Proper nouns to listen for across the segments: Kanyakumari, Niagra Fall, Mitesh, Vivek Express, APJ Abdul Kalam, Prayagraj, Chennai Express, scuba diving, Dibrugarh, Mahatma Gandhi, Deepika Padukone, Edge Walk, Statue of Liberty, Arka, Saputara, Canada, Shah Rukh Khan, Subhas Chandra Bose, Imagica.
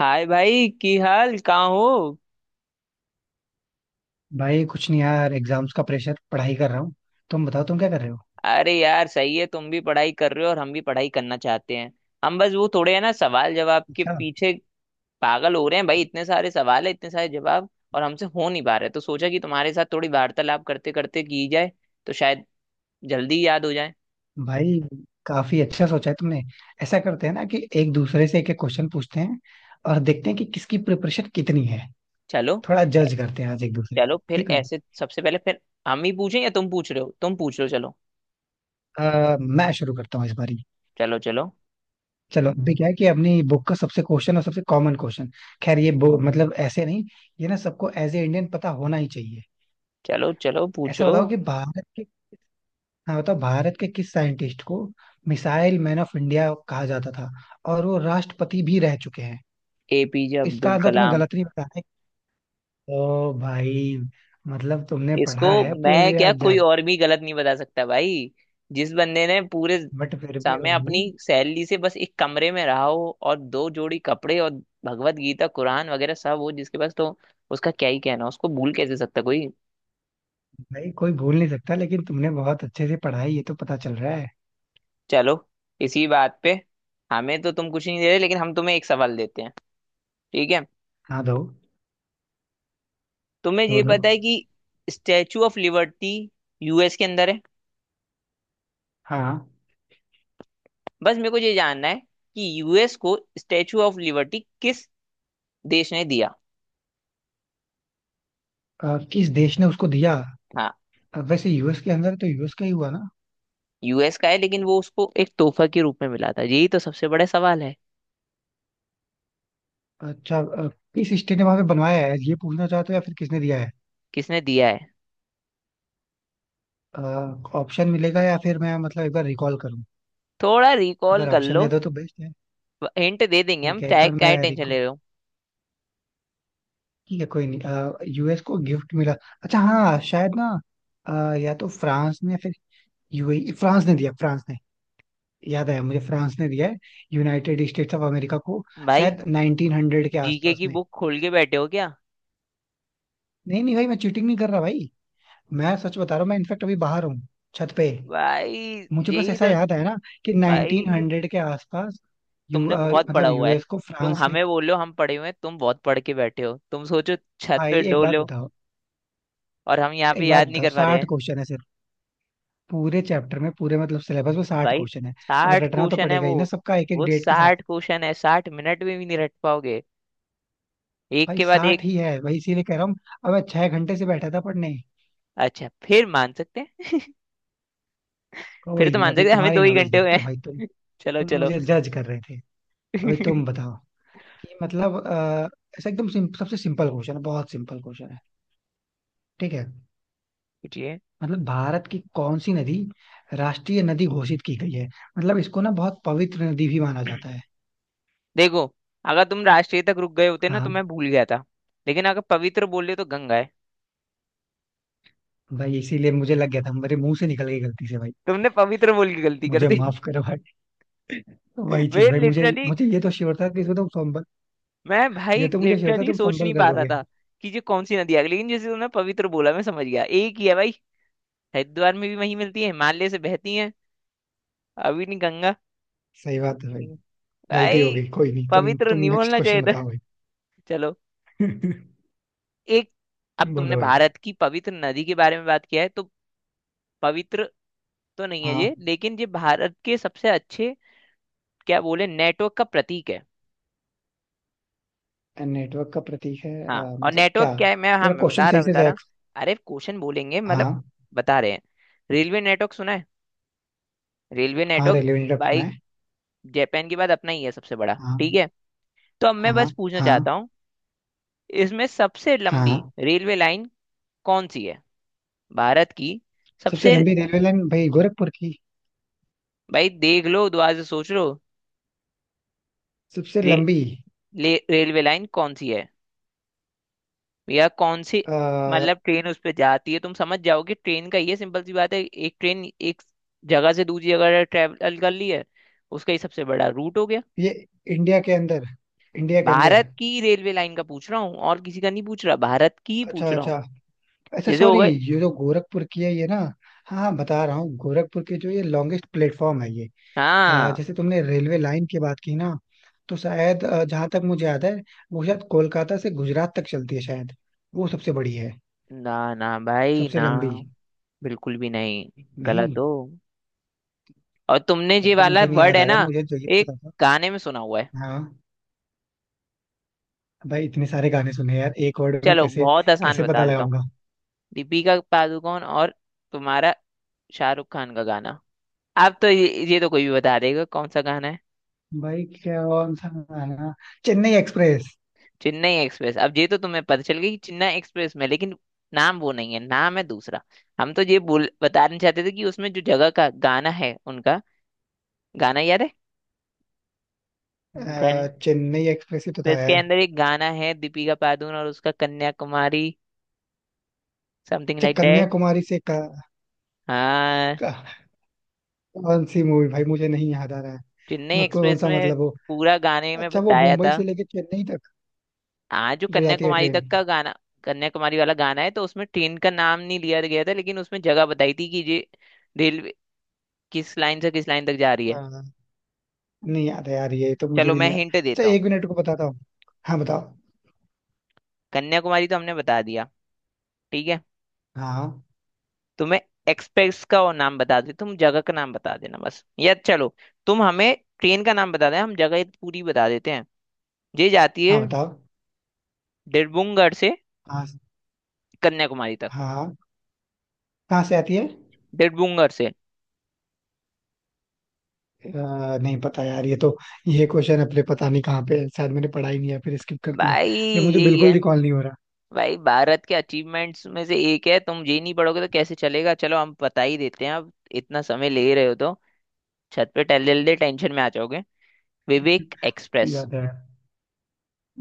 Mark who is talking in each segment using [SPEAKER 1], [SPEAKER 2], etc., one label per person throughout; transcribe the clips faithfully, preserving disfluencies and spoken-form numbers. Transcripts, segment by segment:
[SPEAKER 1] हाय भाई की हाल कहाँ हो।
[SPEAKER 2] भाई कुछ नहीं यार, एग्जाम्स का प्रेशर, पढ़ाई कर रहा हूँ। तुम बताओ, तुम क्या कर रहे हो?
[SPEAKER 1] अरे यार सही है, तुम भी पढ़ाई कर रहे हो और हम भी पढ़ाई करना चाहते हैं। हम बस वो थोड़े है ना, सवाल जवाब के
[SPEAKER 2] अच्छा।
[SPEAKER 1] पीछे पागल हो रहे हैं भाई। इतने सारे सवाल है, इतने सारे जवाब और हमसे हो नहीं पा रहे, तो सोचा कि तुम्हारे साथ थोड़ी वार्तालाप करते करते की जाए, तो शायद जल्दी याद हो जाए।
[SPEAKER 2] भाई काफी अच्छा सोचा है तुमने। ऐसा करते हैं ना कि एक दूसरे से एक एक क्वेश्चन पूछते हैं और देखते हैं कि किसकी प्रिपरेशन कितनी है।
[SPEAKER 1] चलो
[SPEAKER 2] थोड़ा जज करते हैं आज एक दूसरे
[SPEAKER 1] चलो
[SPEAKER 2] को,
[SPEAKER 1] फिर,
[SPEAKER 2] ठीक है?
[SPEAKER 1] ऐसे सबसे पहले फिर हम ही पूछें या तुम पूछ रहे हो? तुम पूछ रहे हो, चलो।
[SPEAKER 2] अ, मैं शुरू करता हूँ इस बारी।
[SPEAKER 1] चलो चलो
[SPEAKER 2] चलो, अभी क्या है कि अपनी बुक का सबसे क्वेश्चन और सबसे कॉमन क्वेश्चन। खैर, ये बो- मतलब ऐसे नहीं, ये ना सबको एज ए इंडियन पता होना ही चाहिए।
[SPEAKER 1] चलो चलो
[SPEAKER 2] ऐसा
[SPEAKER 1] पूछो।
[SPEAKER 2] बताओ कि भारत के, हाँ बताओ, भारत के किस साइंटिस्ट को मिसाइल मैन ऑफ इंडिया कहा जाता था और वो राष्ट्रपति भी रह चुके हैं?
[SPEAKER 1] एपीजे
[SPEAKER 2] इसका
[SPEAKER 1] अब्दुल
[SPEAKER 2] आंसर तुम्हें
[SPEAKER 1] कलाम।
[SPEAKER 2] गलत नहीं बताना है ओ भाई। मतलब तुमने
[SPEAKER 1] इसको
[SPEAKER 2] पढ़ा है
[SPEAKER 1] मैं
[SPEAKER 2] पूरी
[SPEAKER 1] क्या,
[SPEAKER 2] रात
[SPEAKER 1] कोई
[SPEAKER 2] जाग।
[SPEAKER 1] और भी गलत नहीं बता सकता भाई। जिस बंदे ने पूरे
[SPEAKER 2] बट फिर भी
[SPEAKER 1] समय
[SPEAKER 2] भाई,
[SPEAKER 1] अपनी सैलरी से बस एक कमरे में रहा हो, और दो जोड़ी कपड़े और भगवत गीता कुरान वगैरह सब हो जिसके पास, तो उसका क्या ही कहना, उसको भूल कैसे सकता कोई।
[SPEAKER 2] भाई कोई भूल नहीं सकता, लेकिन तुमने बहुत अच्छे से पढ़ा है ये तो पता चल रहा है।
[SPEAKER 1] चलो, इसी बात पे हमें तो तुम कुछ नहीं दे रहे, लेकिन हम तुम्हें एक सवाल देते हैं, ठीक है?
[SPEAKER 2] हाँ दो।
[SPEAKER 1] तुम्हें
[SPEAKER 2] दो
[SPEAKER 1] ये
[SPEAKER 2] दो।
[SPEAKER 1] पता है कि स्टैचू ऑफ लिबर्टी यूएस के अंदर है।
[SPEAKER 2] हाँ।
[SPEAKER 1] बस मेरे को ये जानना है कि यूएस को स्टैचू ऑफ लिबर्टी किस देश ने दिया।
[SPEAKER 2] अ, किस देश ने उसको दिया?
[SPEAKER 1] हाँ,
[SPEAKER 2] अ, वैसे यूएस के अंदर है, तो यूएस का ही हुआ ना?
[SPEAKER 1] यूएस का है लेकिन वो उसको एक तोहफा के रूप में मिला था, यही तो सबसे बड़ा सवाल है।
[SPEAKER 2] अच्छा। अ, किस स्टेट ने वहां पे बनवाया है ये पूछना चाहते हो या फिर किसने दिया है?
[SPEAKER 1] किसने दिया है।
[SPEAKER 2] ऑप्शन मिलेगा या फिर मैं मतलब एक बार रिकॉल करूँ?
[SPEAKER 1] थोड़ा रिकॉल
[SPEAKER 2] अगर
[SPEAKER 1] कर
[SPEAKER 2] ऑप्शन
[SPEAKER 1] लो।
[SPEAKER 2] दे दो तो बेस्ट है।
[SPEAKER 1] हिंट दे देंगे हम,
[SPEAKER 2] ठीक है, एक
[SPEAKER 1] चाहे
[SPEAKER 2] बार
[SPEAKER 1] क्या
[SPEAKER 2] मैं
[SPEAKER 1] टेंशन
[SPEAKER 2] रिकॉल।
[SPEAKER 1] ले रहे हो
[SPEAKER 2] ठीक है कोई नहीं, यूएस को गिफ्ट मिला। अच्छा, हाँ शायद ना, अ, या तो फ्रांस ने या फिर यूएई। फ्रांस ने दिया, फ्रांस ने। याद आया मुझे, फ्रांस ने दिया है यूनाइटेड स्टेट्स ऑफ अमेरिका को।
[SPEAKER 1] भाई।
[SPEAKER 2] शायद नाइंटीन हंड्रेड के
[SPEAKER 1] जीके
[SPEAKER 2] आसपास
[SPEAKER 1] की
[SPEAKER 2] में।
[SPEAKER 1] बुक खोल के बैठे हो क्या
[SPEAKER 2] नहीं नहीं भाई, मैं चीटिंग नहीं कर रहा भाई। मैं सच बता रहा हूँ, मैं इनफेक्ट अभी बाहर हूँ, छत पे।
[SPEAKER 1] भाई?
[SPEAKER 2] मुझे बस
[SPEAKER 1] यही
[SPEAKER 2] ऐसा
[SPEAKER 1] तो।
[SPEAKER 2] याद आया ना कि
[SPEAKER 1] भाई
[SPEAKER 2] नाइंटीन हंड्रेड के आसपास। यू
[SPEAKER 1] तुमने
[SPEAKER 2] अ,
[SPEAKER 1] बहुत पढ़ा
[SPEAKER 2] मतलब
[SPEAKER 1] हुआ है।
[SPEAKER 2] यूएस को
[SPEAKER 1] तुम
[SPEAKER 2] फ्रांस ने।
[SPEAKER 1] हमें बोलो हम पढ़े हुए हैं, तुम बहुत पढ़ के बैठे हो, तुम सोचो छत
[SPEAKER 2] भाई
[SPEAKER 1] पे
[SPEAKER 2] एक बात
[SPEAKER 1] डोलो
[SPEAKER 2] बताओ,
[SPEAKER 1] और हम यहाँ पे
[SPEAKER 2] एक बात
[SPEAKER 1] याद नहीं
[SPEAKER 2] बताओ,
[SPEAKER 1] कर पा रहे
[SPEAKER 2] साठ
[SPEAKER 1] हैं।
[SPEAKER 2] क्वेश्चन है सिर्फ। पूरे चैप्टर में, पूरे मतलब सिलेबस में साठ
[SPEAKER 1] भाई
[SPEAKER 2] क्वेश्चन है। अब
[SPEAKER 1] साठ
[SPEAKER 2] रटना तो
[SPEAKER 1] क्वेश्चन है
[SPEAKER 2] पड़ेगा
[SPEAKER 1] वो।
[SPEAKER 2] ही ना सबका, एक एक
[SPEAKER 1] वो
[SPEAKER 2] डेट के साथ।
[SPEAKER 1] साठ क्वेश्चन है, साठ मिनट में भी नहीं रट पाओगे एक
[SPEAKER 2] भाई
[SPEAKER 1] के बाद
[SPEAKER 2] साठ
[SPEAKER 1] एक।
[SPEAKER 2] ही है भाई, इसीलिए कह रहा हूँ। अब मैं छह घंटे से बैठा था पढ़ने।
[SPEAKER 1] अच्छा, फिर मान सकते हैं फिर
[SPEAKER 2] कोई
[SPEAKER 1] तो
[SPEAKER 2] नहीं,
[SPEAKER 1] मान
[SPEAKER 2] अभी
[SPEAKER 1] सकते हैं, हमें
[SPEAKER 2] तुम्हारी
[SPEAKER 1] दो ही
[SPEAKER 2] नॉलेज
[SPEAKER 1] घंटे हुए
[SPEAKER 2] देखते हैं भाई। तुम
[SPEAKER 1] हैं। चलो
[SPEAKER 2] तुम
[SPEAKER 1] चलो।
[SPEAKER 2] मुझे जज कर रहे थे। अभी
[SPEAKER 1] पूछिए।
[SPEAKER 2] तुम बताओ कि मतलब अ, ऐसा एकदम सिम, सबसे सिंपल क्वेश्चन है, बहुत सिंपल क्वेश्चन है, ठीक है? मतलब भारत की कौन सी नदी राष्ट्रीय नदी घोषित की गई है? मतलब इसको ना बहुत पवित्र नदी भी माना जाता है।
[SPEAKER 1] देखो, अगर तुम राष्ट्रीय तक रुक गए होते ना तो
[SPEAKER 2] हाँ।
[SPEAKER 1] मैं भूल गया था, लेकिन अगर पवित्र बोले तो गंगा है।
[SPEAKER 2] भाई इसीलिए मुझे लग गया था, मेरे मुंह से निकल गई गलती से भाई।
[SPEAKER 1] तुमने पवित्र बोल के गलती कर
[SPEAKER 2] मुझे
[SPEAKER 1] दी।
[SPEAKER 2] माफ करो भाई। वही
[SPEAKER 1] मैं
[SPEAKER 2] चीज भाई, मुझे
[SPEAKER 1] लिटरली,
[SPEAKER 2] मुझे ये तो श्योर था कि इसमें तुम फंबल।
[SPEAKER 1] मैं भाई
[SPEAKER 2] ये तो मुझे श्योर था
[SPEAKER 1] लिटरली
[SPEAKER 2] तुम
[SPEAKER 1] सोच नहीं
[SPEAKER 2] फंबल कर
[SPEAKER 1] पा रहा
[SPEAKER 2] दोगे।
[SPEAKER 1] था कि ये कौन सी नदी आ गई, लेकिन जैसे तुमने पवित्र बोला मैं समझ गया एक ही है भाई। हरिद्वार में भी वही मिलती है, हिमालय से बहती है। अभी नहीं, गंगा।
[SPEAKER 2] सही बात है भाई।
[SPEAKER 1] हम्म।
[SPEAKER 2] गलती हो
[SPEAKER 1] भाई
[SPEAKER 2] गई कोई नहीं, तुम
[SPEAKER 1] पवित्र
[SPEAKER 2] तुम
[SPEAKER 1] नहीं
[SPEAKER 2] नेक्स्ट
[SPEAKER 1] बोलना चाहिए
[SPEAKER 2] क्वेश्चन
[SPEAKER 1] था।
[SPEAKER 2] बताओ भाई।
[SPEAKER 1] चलो, एक, अब तुमने
[SPEAKER 2] बोलो भाई।
[SPEAKER 1] भारत की पवित्र नदी के बारे में बात किया है, तो पवित्र तो नहीं है
[SPEAKER 2] हाँ,
[SPEAKER 1] ये, लेकिन ये भारत के सबसे अच्छे क्या बोले, नेटवर्क का प्रतीक है।
[SPEAKER 2] नेटवर्क का प्रतीक है?
[SPEAKER 1] हाँ,
[SPEAKER 2] अ,
[SPEAKER 1] और
[SPEAKER 2] मतलब
[SPEAKER 1] नेटवर्क
[SPEAKER 2] क्या?
[SPEAKER 1] क्या है, मैं हाँ
[SPEAKER 2] पूरा
[SPEAKER 1] मैं
[SPEAKER 2] क्वेश्चन
[SPEAKER 1] बता रहा
[SPEAKER 2] सही से
[SPEAKER 1] बता
[SPEAKER 2] सही।
[SPEAKER 1] रहा अरे क्वेश्चन बोलेंगे मतलब,
[SPEAKER 2] हाँ
[SPEAKER 1] बता रहे हैं। रेलवे नेटवर्क सुना है, रेलवे
[SPEAKER 2] हाँ,
[SPEAKER 1] नेटवर्क।
[SPEAKER 2] रेलवे नेटवर्क सुना
[SPEAKER 1] भाई
[SPEAKER 2] है।
[SPEAKER 1] जापान के बाद अपना ही है सबसे बड़ा, ठीक
[SPEAKER 2] हाँ।
[SPEAKER 1] है? तो अब मैं बस
[SPEAKER 2] हाँ।
[SPEAKER 1] पूछना
[SPEAKER 2] हाँ।
[SPEAKER 1] चाहता हूँ, इसमें सबसे लंबी
[SPEAKER 2] हाँ।
[SPEAKER 1] रेलवे लाइन कौन सी है? भारत की
[SPEAKER 2] सबसे
[SPEAKER 1] सबसे।
[SPEAKER 2] लंबी रेलवे लाइन भाई गोरखपुर की।
[SPEAKER 1] भाई देख लो, दोबारा से सोच लो।
[SPEAKER 2] सबसे
[SPEAKER 1] रे,
[SPEAKER 2] लंबी।
[SPEAKER 1] ले- रेलवे लाइन कौन सी है, या कौन सी,
[SPEAKER 2] आ,
[SPEAKER 1] मतलब ट्रेन उस पर जाती है तुम समझ जाओगे। ट्रेन का ये सिंपल सी बात है, एक ट्रेन एक जगह से दूसरी जगह ट्रेवल कर ली है, उसका ही सबसे बड़ा रूट हो गया।
[SPEAKER 2] ये इंडिया के अंदर? इंडिया के अंदर?
[SPEAKER 1] भारत की रेलवे लाइन का पूछ रहा हूँ, और किसी का नहीं पूछ रहा, भारत की ही पूछ
[SPEAKER 2] अच्छा
[SPEAKER 1] रहा हूँ।
[SPEAKER 2] अच्छा। अच्छा
[SPEAKER 1] जैसे हो
[SPEAKER 2] सॉरी।
[SPEAKER 1] गए।
[SPEAKER 2] ये जो गोरखपुर की है ये ना, हाँ हाँ बता रहा हूँ, गोरखपुर की जो ये लॉन्गेस्ट प्लेटफॉर्म है ये। अ,
[SPEAKER 1] हाँ।
[SPEAKER 2] जैसे तुमने रेलवे लाइन की बात की ना, तो शायद अ, जहाँ तक मुझे याद है, वो शायद कोलकाता से गुजरात तक चलती है शायद, वो सबसे बड़ी है,
[SPEAKER 1] ना ना भाई
[SPEAKER 2] सबसे
[SPEAKER 1] ना,
[SPEAKER 2] लंबी।
[SPEAKER 1] बिल्कुल भी नहीं, गलत
[SPEAKER 2] नहीं,
[SPEAKER 1] हो। और तुमने ये
[SPEAKER 2] तब तो
[SPEAKER 1] वाला
[SPEAKER 2] मुझे नहीं
[SPEAKER 1] वर्ड
[SPEAKER 2] याद
[SPEAKER 1] है
[SPEAKER 2] आ रहा,
[SPEAKER 1] ना,
[SPEAKER 2] मुझे जो ये
[SPEAKER 1] एक
[SPEAKER 2] पता था।
[SPEAKER 1] गाने में सुना हुआ है।
[SPEAKER 2] हाँ। भाई इतने सारे गाने सुने यार, एक वर्ड में
[SPEAKER 1] चलो
[SPEAKER 2] कैसे
[SPEAKER 1] बहुत आसान
[SPEAKER 2] कैसे
[SPEAKER 1] बता
[SPEAKER 2] पता
[SPEAKER 1] देता हूँ,
[SPEAKER 2] लगाऊंगा?
[SPEAKER 1] दीपिका पादुकोण और तुम्हारा शाहरुख खान का गाना। आप तो ये ये तो कोई भी बता देगा कौन सा गाना है।
[SPEAKER 2] भाई क्या कौन सा गाना? चेन्नई एक्सप्रेस।
[SPEAKER 1] चेन्नई एक्सप्रेस। अब ये तो तुम्हें पता चल गया कि चेन्नई एक्सप्रेस में, लेकिन नाम वो नहीं है, नाम है दूसरा। हम तो ये बोल बताना चाहते थे कि उसमें जो जगह का गाना है उनका, गाना याद है? घन,
[SPEAKER 2] अ, चेन्नई एक्सप्रेस ही तो
[SPEAKER 1] तो
[SPEAKER 2] था
[SPEAKER 1] इसके
[SPEAKER 2] यार।
[SPEAKER 1] अंदर एक गाना है, दीपिका पादुकोण और उसका कन्याकुमारी, समथिंग
[SPEAKER 2] अच्छा,
[SPEAKER 1] लाइक दैट।
[SPEAKER 2] कन्याकुमारी से का,
[SPEAKER 1] हाँ,
[SPEAKER 2] का, कौन सी मूवी भाई मुझे नहीं याद आ रहा है।
[SPEAKER 1] चेन्नई
[SPEAKER 2] मैं कौन
[SPEAKER 1] एक्सप्रेस
[SPEAKER 2] सा
[SPEAKER 1] में,
[SPEAKER 2] मतलब वो।
[SPEAKER 1] पूरा गाने में
[SPEAKER 2] अच्छा, वो
[SPEAKER 1] बताया
[SPEAKER 2] मुंबई
[SPEAKER 1] था।
[SPEAKER 2] से लेके चेन्नई तक
[SPEAKER 1] हाँ, जो
[SPEAKER 2] जो जाती है
[SPEAKER 1] कन्याकुमारी
[SPEAKER 2] ट्रेन।
[SPEAKER 1] तक का गाना, कन्याकुमारी वाला गाना है। तो उसमें ट्रेन का नाम नहीं लिया गया था, लेकिन उसमें जगह बताई थी कि ये रेलवे किस लाइन से किस लाइन तक जा रही है।
[SPEAKER 2] हाँ। नहीं याद है यार, ये तो मुझे
[SPEAKER 1] चलो
[SPEAKER 2] भी
[SPEAKER 1] मैं
[SPEAKER 2] नहीं याद।
[SPEAKER 1] हिंट
[SPEAKER 2] अच्छा
[SPEAKER 1] देता हूँ,
[SPEAKER 2] एक मिनट को बताता हूँ। हाँ बताओ।
[SPEAKER 1] कन्याकुमारी तो हमने बता दिया, ठीक है?
[SPEAKER 2] हाँ
[SPEAKER 1] तुम्हें एक्सप्रेस का और नाम बता दे, तुम जगह का नाम बता देना बस, या चलो तुम हमें ट्रेन का नाम बता देना, हम जगह पूरी बता देते हैं। ये जाती है
[SPEAKER 2] हाँ बताओ।
[SPEAKER 1] डिरबुंगर से
[SPEAKER 2] हाँ।
[SPEAKER 1] कन्याकुमारी तक।
[SPEAKER 2] हाँ। कहाँ से आती है?
[SPEAKER 1] डिरबुंगर से।
[SPEAKER 2] अ, नहीं पता यार, ये तो। ये क्वेश्चन अपने पता नहीं कहाँ पे है, शायद मैंने पढ़ा ही नहीं है, फिर स्किप कर दिया।
[SPEAKER 1] भाई
[SPEAKER 2] ये मुझे बिल्कुल
[SPEAKER 1] यही,
[SPEAKER 2] रिकॉल नहीं हो रहा।
[SPEAKER 1] भाई भारत के अचीवमेंट्स में से एक है, तुम ये नहीं पढ़ोगे तो कैसे चलेगा। चलो हम बता ही देते हैं अब, इतना समय ले रहे हो तो। छत पे टहल जल्दी, टेंशन में आ जाओगे। विवेक एक्सप्रेस।
[SPEAKER 2] याद है।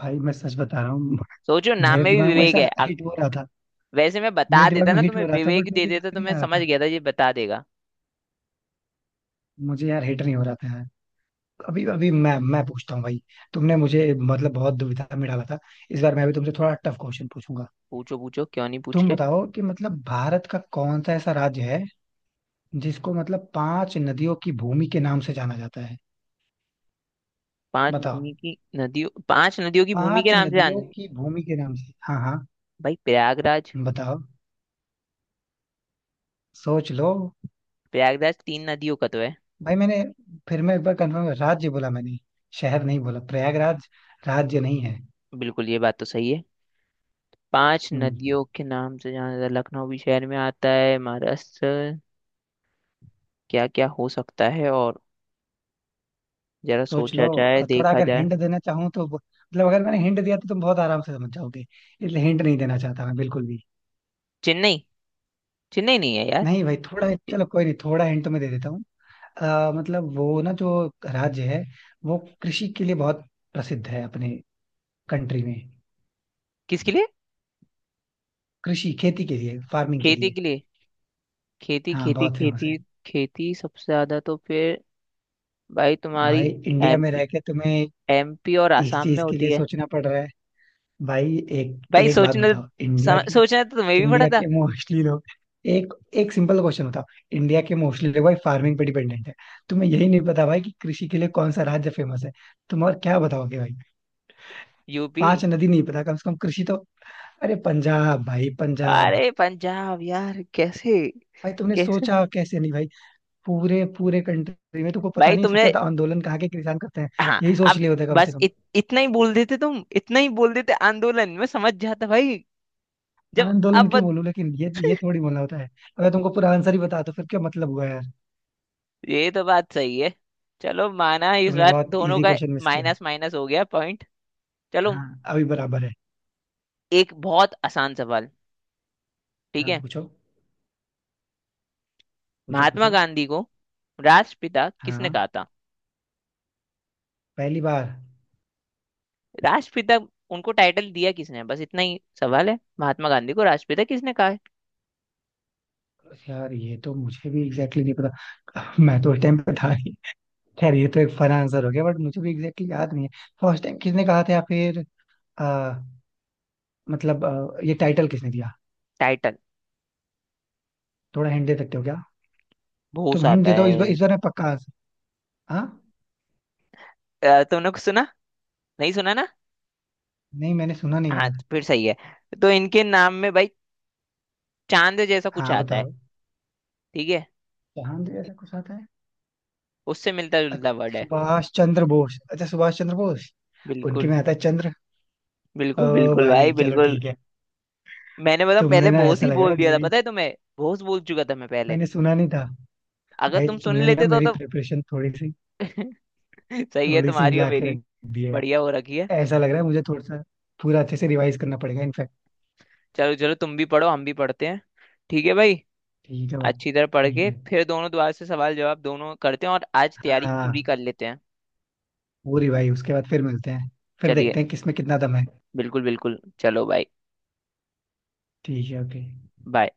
[SPEAKER 2] भाई मैं सच बता रहा हूँ,
[SPEAKER 1] सोचो नाम
[SPEAKER 2] मेरे
[SPEAKER 1] में भी
[SPEAKER 2] दिमाग में
[SPEAKER 1] विवेक
[SPEAKER 2] ऐसा
[SPEAKER 1] है अ-
[SPEAKER 2] हिट हो रहा था।
[SPEAKER 1] वैसे मैं
[SPEAKER 2] मेरे
[SPEAKER 1] बता
[SPEAKER 2] दिमाग
[SPEAKER 1] देता
[SPEAKER 2] में
[SPEAKER 1] ना
[SPEAKER 2] हिट
[SPEAKER 1] तुम्हें,
[SPEAKER 2] हो रहा था, बट
[SPEAKER 1] विवेक दे
[SPEAKER 2] मुझे याद
[SPEAKER 1] देता तो
[SPEAKER 2] नहीं
[SPEAKER 1] मैं
[SPEAKER 2] आ रहा
[SPEAKER 1] समझ
[SPEAKER 2] था।
[SPEAKER 1] गया था ये बता देगा।
[SPEAKER 2] मुझे यार हिट नहीं हो रहा था यार। अभी अभी मैं मैं पूछता हूँ भाई। तुमने मुझे मतलब बहुत दुविधा में डाला था। इस बार मैं भी तुमसे थोड़ा टफ क्वेश्चन पूछूंगा।
[SPEAKER 1] पूछो पूछो, क्यों नहीं पूछ
[SPEAKER 2] तुम
[SPEAKER 1] रहे?
[SPEAKER 2] बताओ कि मतलब भारत का कौन सा ऐसा राज्य है जिसको मतलब पांच नदियों की भूमि के नाम से जाना जाता है?
[SPEAKER 1] पांच
[SPEAKER 2] बताओ।
[SPEAKER 1] भूमि की नदियों, पांच नदियों की भूमि के
[SPEAKER 2] पांच
[SPEAKER 1] नाम से
[SPEAKER 2] नदियों
[SPEAKER 1] जान।
[SPEAKER 2] की भूमि के नाम से, हाँ हाँ।
[SPEAKER 1] भाई प्रयागराज।
[SPEAKER 2] बताओ, सोच लो।
[SPEAKER 1] प्रयागराज तीन नदियों का तो है।
[SPEAKER 2] भाई मैंने, फिर मैं एक बार कंफर्म, राज्य बोला मैंने, शहर नहीं बोला। प्रयागराज राज्य नहीं है।
[SPEAKER 1] बिल्कुल ये बात तो सही है। पांच
[SPEAKER 2] हम्म।
[SPEAKER 1] नदियों के नाम से जाना जाता है। लखनऊ भी शहर में आता है, महाराष्ट्र, क्या क्या हो सकता है और, जरा
[SPEAKER 2] सोच लो
[SPEAKER 1] सोचा जाए
[SPEAKER 2] अ, थोड़ा।
[SPEAKER 1] देखा
[SPEAKER 2] अगर
[SPEAKER 1] जाए।
[SPEAKER 2] हिंट देना चाहूँ तो ब- मतलब अगर मैंने हिंट दिया तो तुम बहुत आराम से समझ जाओगे, इसलिए हिंट नहीं देना चाहता मैं बिल्कुल भी।
[SPEAKER 1] चेन्नई। चेन्नई नहीं है यार।
[SPEAKER 2] नहीं भाई, थोड़ा,
[SPEAKER 1] कि-
[SPEAKER 2] चलो कोई नहीं, थोड़ा हिंट तो मैं दे देता हूँ। अ, मतलब वो ना, जो राज्य है वो कृषि के लिए बहुत प्रसिद्ध है अपने कंट्री में।
[SPEAKER 1] किसके लिए?
[SPEAKER 2] कृषि, खेती के लिए, फार्मिंग के
[SPEAKER 1] खेती
[SPEAKER 2] लिए।
[SPEAKER 1] के लिए। खेती
[SPEAKER 2] हाँ
[SPEAKER 1] खेती
[SPEAKER 2] बहुत फेमस
[SPEAKER 1] खेती
[SPEAKER 2] है।
[SPEAKER 1] खेती सबसे ज्यादा तो फिर, भाई तुम्हारी,
[SPEAKER 2] भाई इंडिया में
[SPEAKER 1] एमपी,
[SPEAKER 2] रह के तुम्हें
[SPEAKER 1] एमपी और
[SPEAKER 2] इस
[SPEAKER 1] आसाम में
[SPEAKER 2] चीज के
[SPEAKER 1] होती
[SPEAKER 2] लिए
[SPEAKER 1] है।
[SPEAKER 2] सोचना पड़ रहा है? भाई एक
[SPEAKER 1] भाई
[SPEAKER 2] एक बात
[SPEAKER 1] सोचने तो,
[SPEAKER 2] बताओ, इंडिया
[SPEAKER 1] सम,
[SPEAKER 2] की।
[SPEAKER 1] सोचना तो तुम्हें भी पड़ा
[SPEAKER 2] इंडिया
[SPEAKER 1] था।
[SPEAKER 2] के मोस्टली लोग, एक, एक सिंपल क्वेश्चन होता। इंडिया के मोस्टली लोग भाई फार्मिंग पे डिपेंडेंट है। तुम्हें यही नहीं पता भाई कि कृषि के लिए कौन सा राज्य फेमस है? तुम और क्या बताओगे भाई?
[SPEAKER 1] यूपी।
[SPEAKER 2] पांच नदी नहीं पता, कम से कम कृषि तो। अरे पंजाब भाई, पंजाब।
[SPEAKER 1] अरे पंजाब यार, कैसे?
[SPEAKER 2] भाई तुमने
[SPEAKER 1] कैसे
[SPEAKER 2] सोचा कैसे नहीं भाई? पूरे पूरे कंट्री में तुमको पता
[SPEAKER 1] भाई
[SPEAKER 2] नहीं है, सबसे
[SPEAKER 1] तुमने?
[SPEAKER 2] ज्यादा आंदोलन कहाँ के किसान करते हैं?
[SPEAKER 1] हाँ।
[SPEAKER 2] यही सोच
[SPEAKER 1] अब
[SPEAKER 2] लिए होता है कम से
[SPEAKER 1] बस
[SPEAKER 2] कम।
[SPEAKER 1] इत, इतना ही बोल देते, तुम इतना ही बोल देते आंदोलन में समझ जाता भाई। जब,
[SPEAKER 2] आंदोलन
[SPEAKER 1] अब
[SPEAKER 2] क्यों बोलूं, लेकिन ये ये थोड़ी बोलना होता है। अगर तुमको पूरा आंसर ही बता तो फिर क्या मतलब हुआ यार?
[SPEAKER 1] ये तो बात सही है। चलो माना, इस
[SPEAKER 2] तुमने
[SPEAKER 1] बार
[SPEAKER 2] बहुत
[SPEAKER 1] दोनों
[SPEAKER 2] इजी
[SPEAKER 1] का
[SPEAKER 2] क्वेश्चन मिस किया।
[SPEAKER 1] माइनस, माइनस हो गया पॉइंट। चलो,
[SPEAKER 2] हाँ अभी बराबर है।
[SPEAKER 1] एक बहुत आसान सवाल, ठीक
[SPEAKER 2] हाँ
[SPEAKER 1] है।
[SPEAKER 2] पूछो। पूछो
[SPEAKER 1] महात्मा
[SPEAKER 2] पूछो।
[SPEAKER 1] गांधी को राष्ट्रपिता किसने
[SPEAKER 2] हाँ।
[SPEAKER 1] कहा था।
[SPEAKER 2] पहली बार।
[SPEAKER 1] राष्ट्रपिता, उनको टाइटल दिया किसने है? बस इतना ही सवाल है, महात्मा गांधी को राष्ट्रपिता किसने कहा है।
[SPEAKER 2] यार ये तो मुझे भी एग्जैक्टली exactly नहीं पता। मैं तो उस टाइम पे था नहीं। खैर ये तो एक फन आंसर हो गया, बट मुझे भी एग्जैक्टली exactly याद नहीं है। फर्स्ट टाइम किसने कहा था या फिर आ, मतलब आ, ये टाइटल किसने दिया?
[SPEAKER 1] टाइटल
[SPEAKER 2] थोड़ा हिंट दे सकते हो क्या?
[SPEAKER 1] बहुत
[SPEAKER 2] तुम हिंट
[SPEAKER 1] आता
[SPEAKER 2] दे दो इस बार,
[SPEAKER 1] है।
[SPEAKER 2] इस बार मैं पक्का आंसर। हाँ।
[SPEAKER 1] अ, तुमने कुछ सुना, नहीं सुना ना?
[SPEAKER 2] नहीं मैंने सुना नहीं
[SPEAKER 1] हाँ,
[SPEAKER 2] यार।
[SPEAKER 1] तो फिर सही है। तो इनके नाम में भाई चांद जैसा कुछ
[SPEAKER 2] हाँ
[SPEAKER 1] आता है,
[SPEAKER 2] बताओ।
[SPEAKER 1] ठीक है।
[SPEAKER 2] जहां दे ऐसा कुछ आता है?
[SPEAKER 1] उससे मिलता
[SPEAKER 2] अच्छा,
[SPEAKER 1] जुलता वर्ड है।
[SPEAKER 2] सुभाष चंद्र बोस। अच्छा सुभाष चंद्र बोस। उनके
[SPEAKER 1] बिल्कुल
[SPEAKER 2] में आता है चंद्र। ओ
[SPEAKER 1] बिल्कुल बिल्कुल भाई,
[SPEAKER 2] भाई चलो
[SPEAKER 1] बिल्कुल।
[SPEAKER 2] ठीक है।
[SPEAKER 1] मैंने मतलब पहले
[SPEAKER 2] तुमने ना
[SPEAKER 1] भोस
[SPEAKER 2] ऐसा
[SPEAKER 1] ही
[SPEAKER 2] लग रहा
[SPEAKER 1] बोल
[SPEAKER 2] है
[SPEAKER 1] दिया था,
[SPEAKER 2] मेरी।
[SPEAKER 1] पता है तुम्हें? भोस बोल चुका था मैं पहले।
[SPEAKER 2] मैंने सुना नहीं था।
[SPEAKER 1] अगर
[SPEAKER 2] भाई
[SPEAKER 1] तुम सुन
[SPEAKER 2] तुमने ना
[SPEAKER 1] लेते तो
[SPEAKER 2] मेरी
[SPEAKER 1] तो
[SPEAKER 2] प्रिपरेशन थोड़ी सी
[SPEAKER 1] सही है
[SPEAKER 2] थोड़ी सी
[SPEAKER 1] तुम्हारी और
[SPEAKER 2] हिला के
[SPEAKER 1] मेरी
[SPEAKER 2] रख दी है।
[SPEAKER 1] बढ़िया हो रखी है।
[SPEAKER 2] ऐसा लग रहा है मुझे थोड़ा सा पूरा अच्छे से रिवाइज करना पड़ेगा इनफैक्ट।
[SPEAKER 1] चलो चलो, तुम भी पढ़ो हम भी पढ़ते हैं। ठीक है भाई।
[SPEAKER 2] ठीक है भाई,
[SPEAKER 1] अच्छी तरह पढ़
[SPEAKER 2] ठीक
[SPEAKER 1] के
[SPEAKER 2] है।
[SPEAKER 1] फिर दोनों दोबारा से सवाल जवाब दोनों करते हैं, और आज तैयारी पूरी
[SPEAKER 2] हाँ
[SPEAKER 1] कर लेते हैं।
[SPEAKER 2] पूरी भाई, उसके बाद फिर मिलते हैं। फिर
[SPEAKER 1] चलिए,
[SPEAKER 2] देखते हैं किसमें कितना दम है।
[SPEAKER 1] बिल्कुल बिल्कुल, चलो भाई।
[SPEAKER 2] ठीक है, ओके।
[SPEAKER 1] बाय।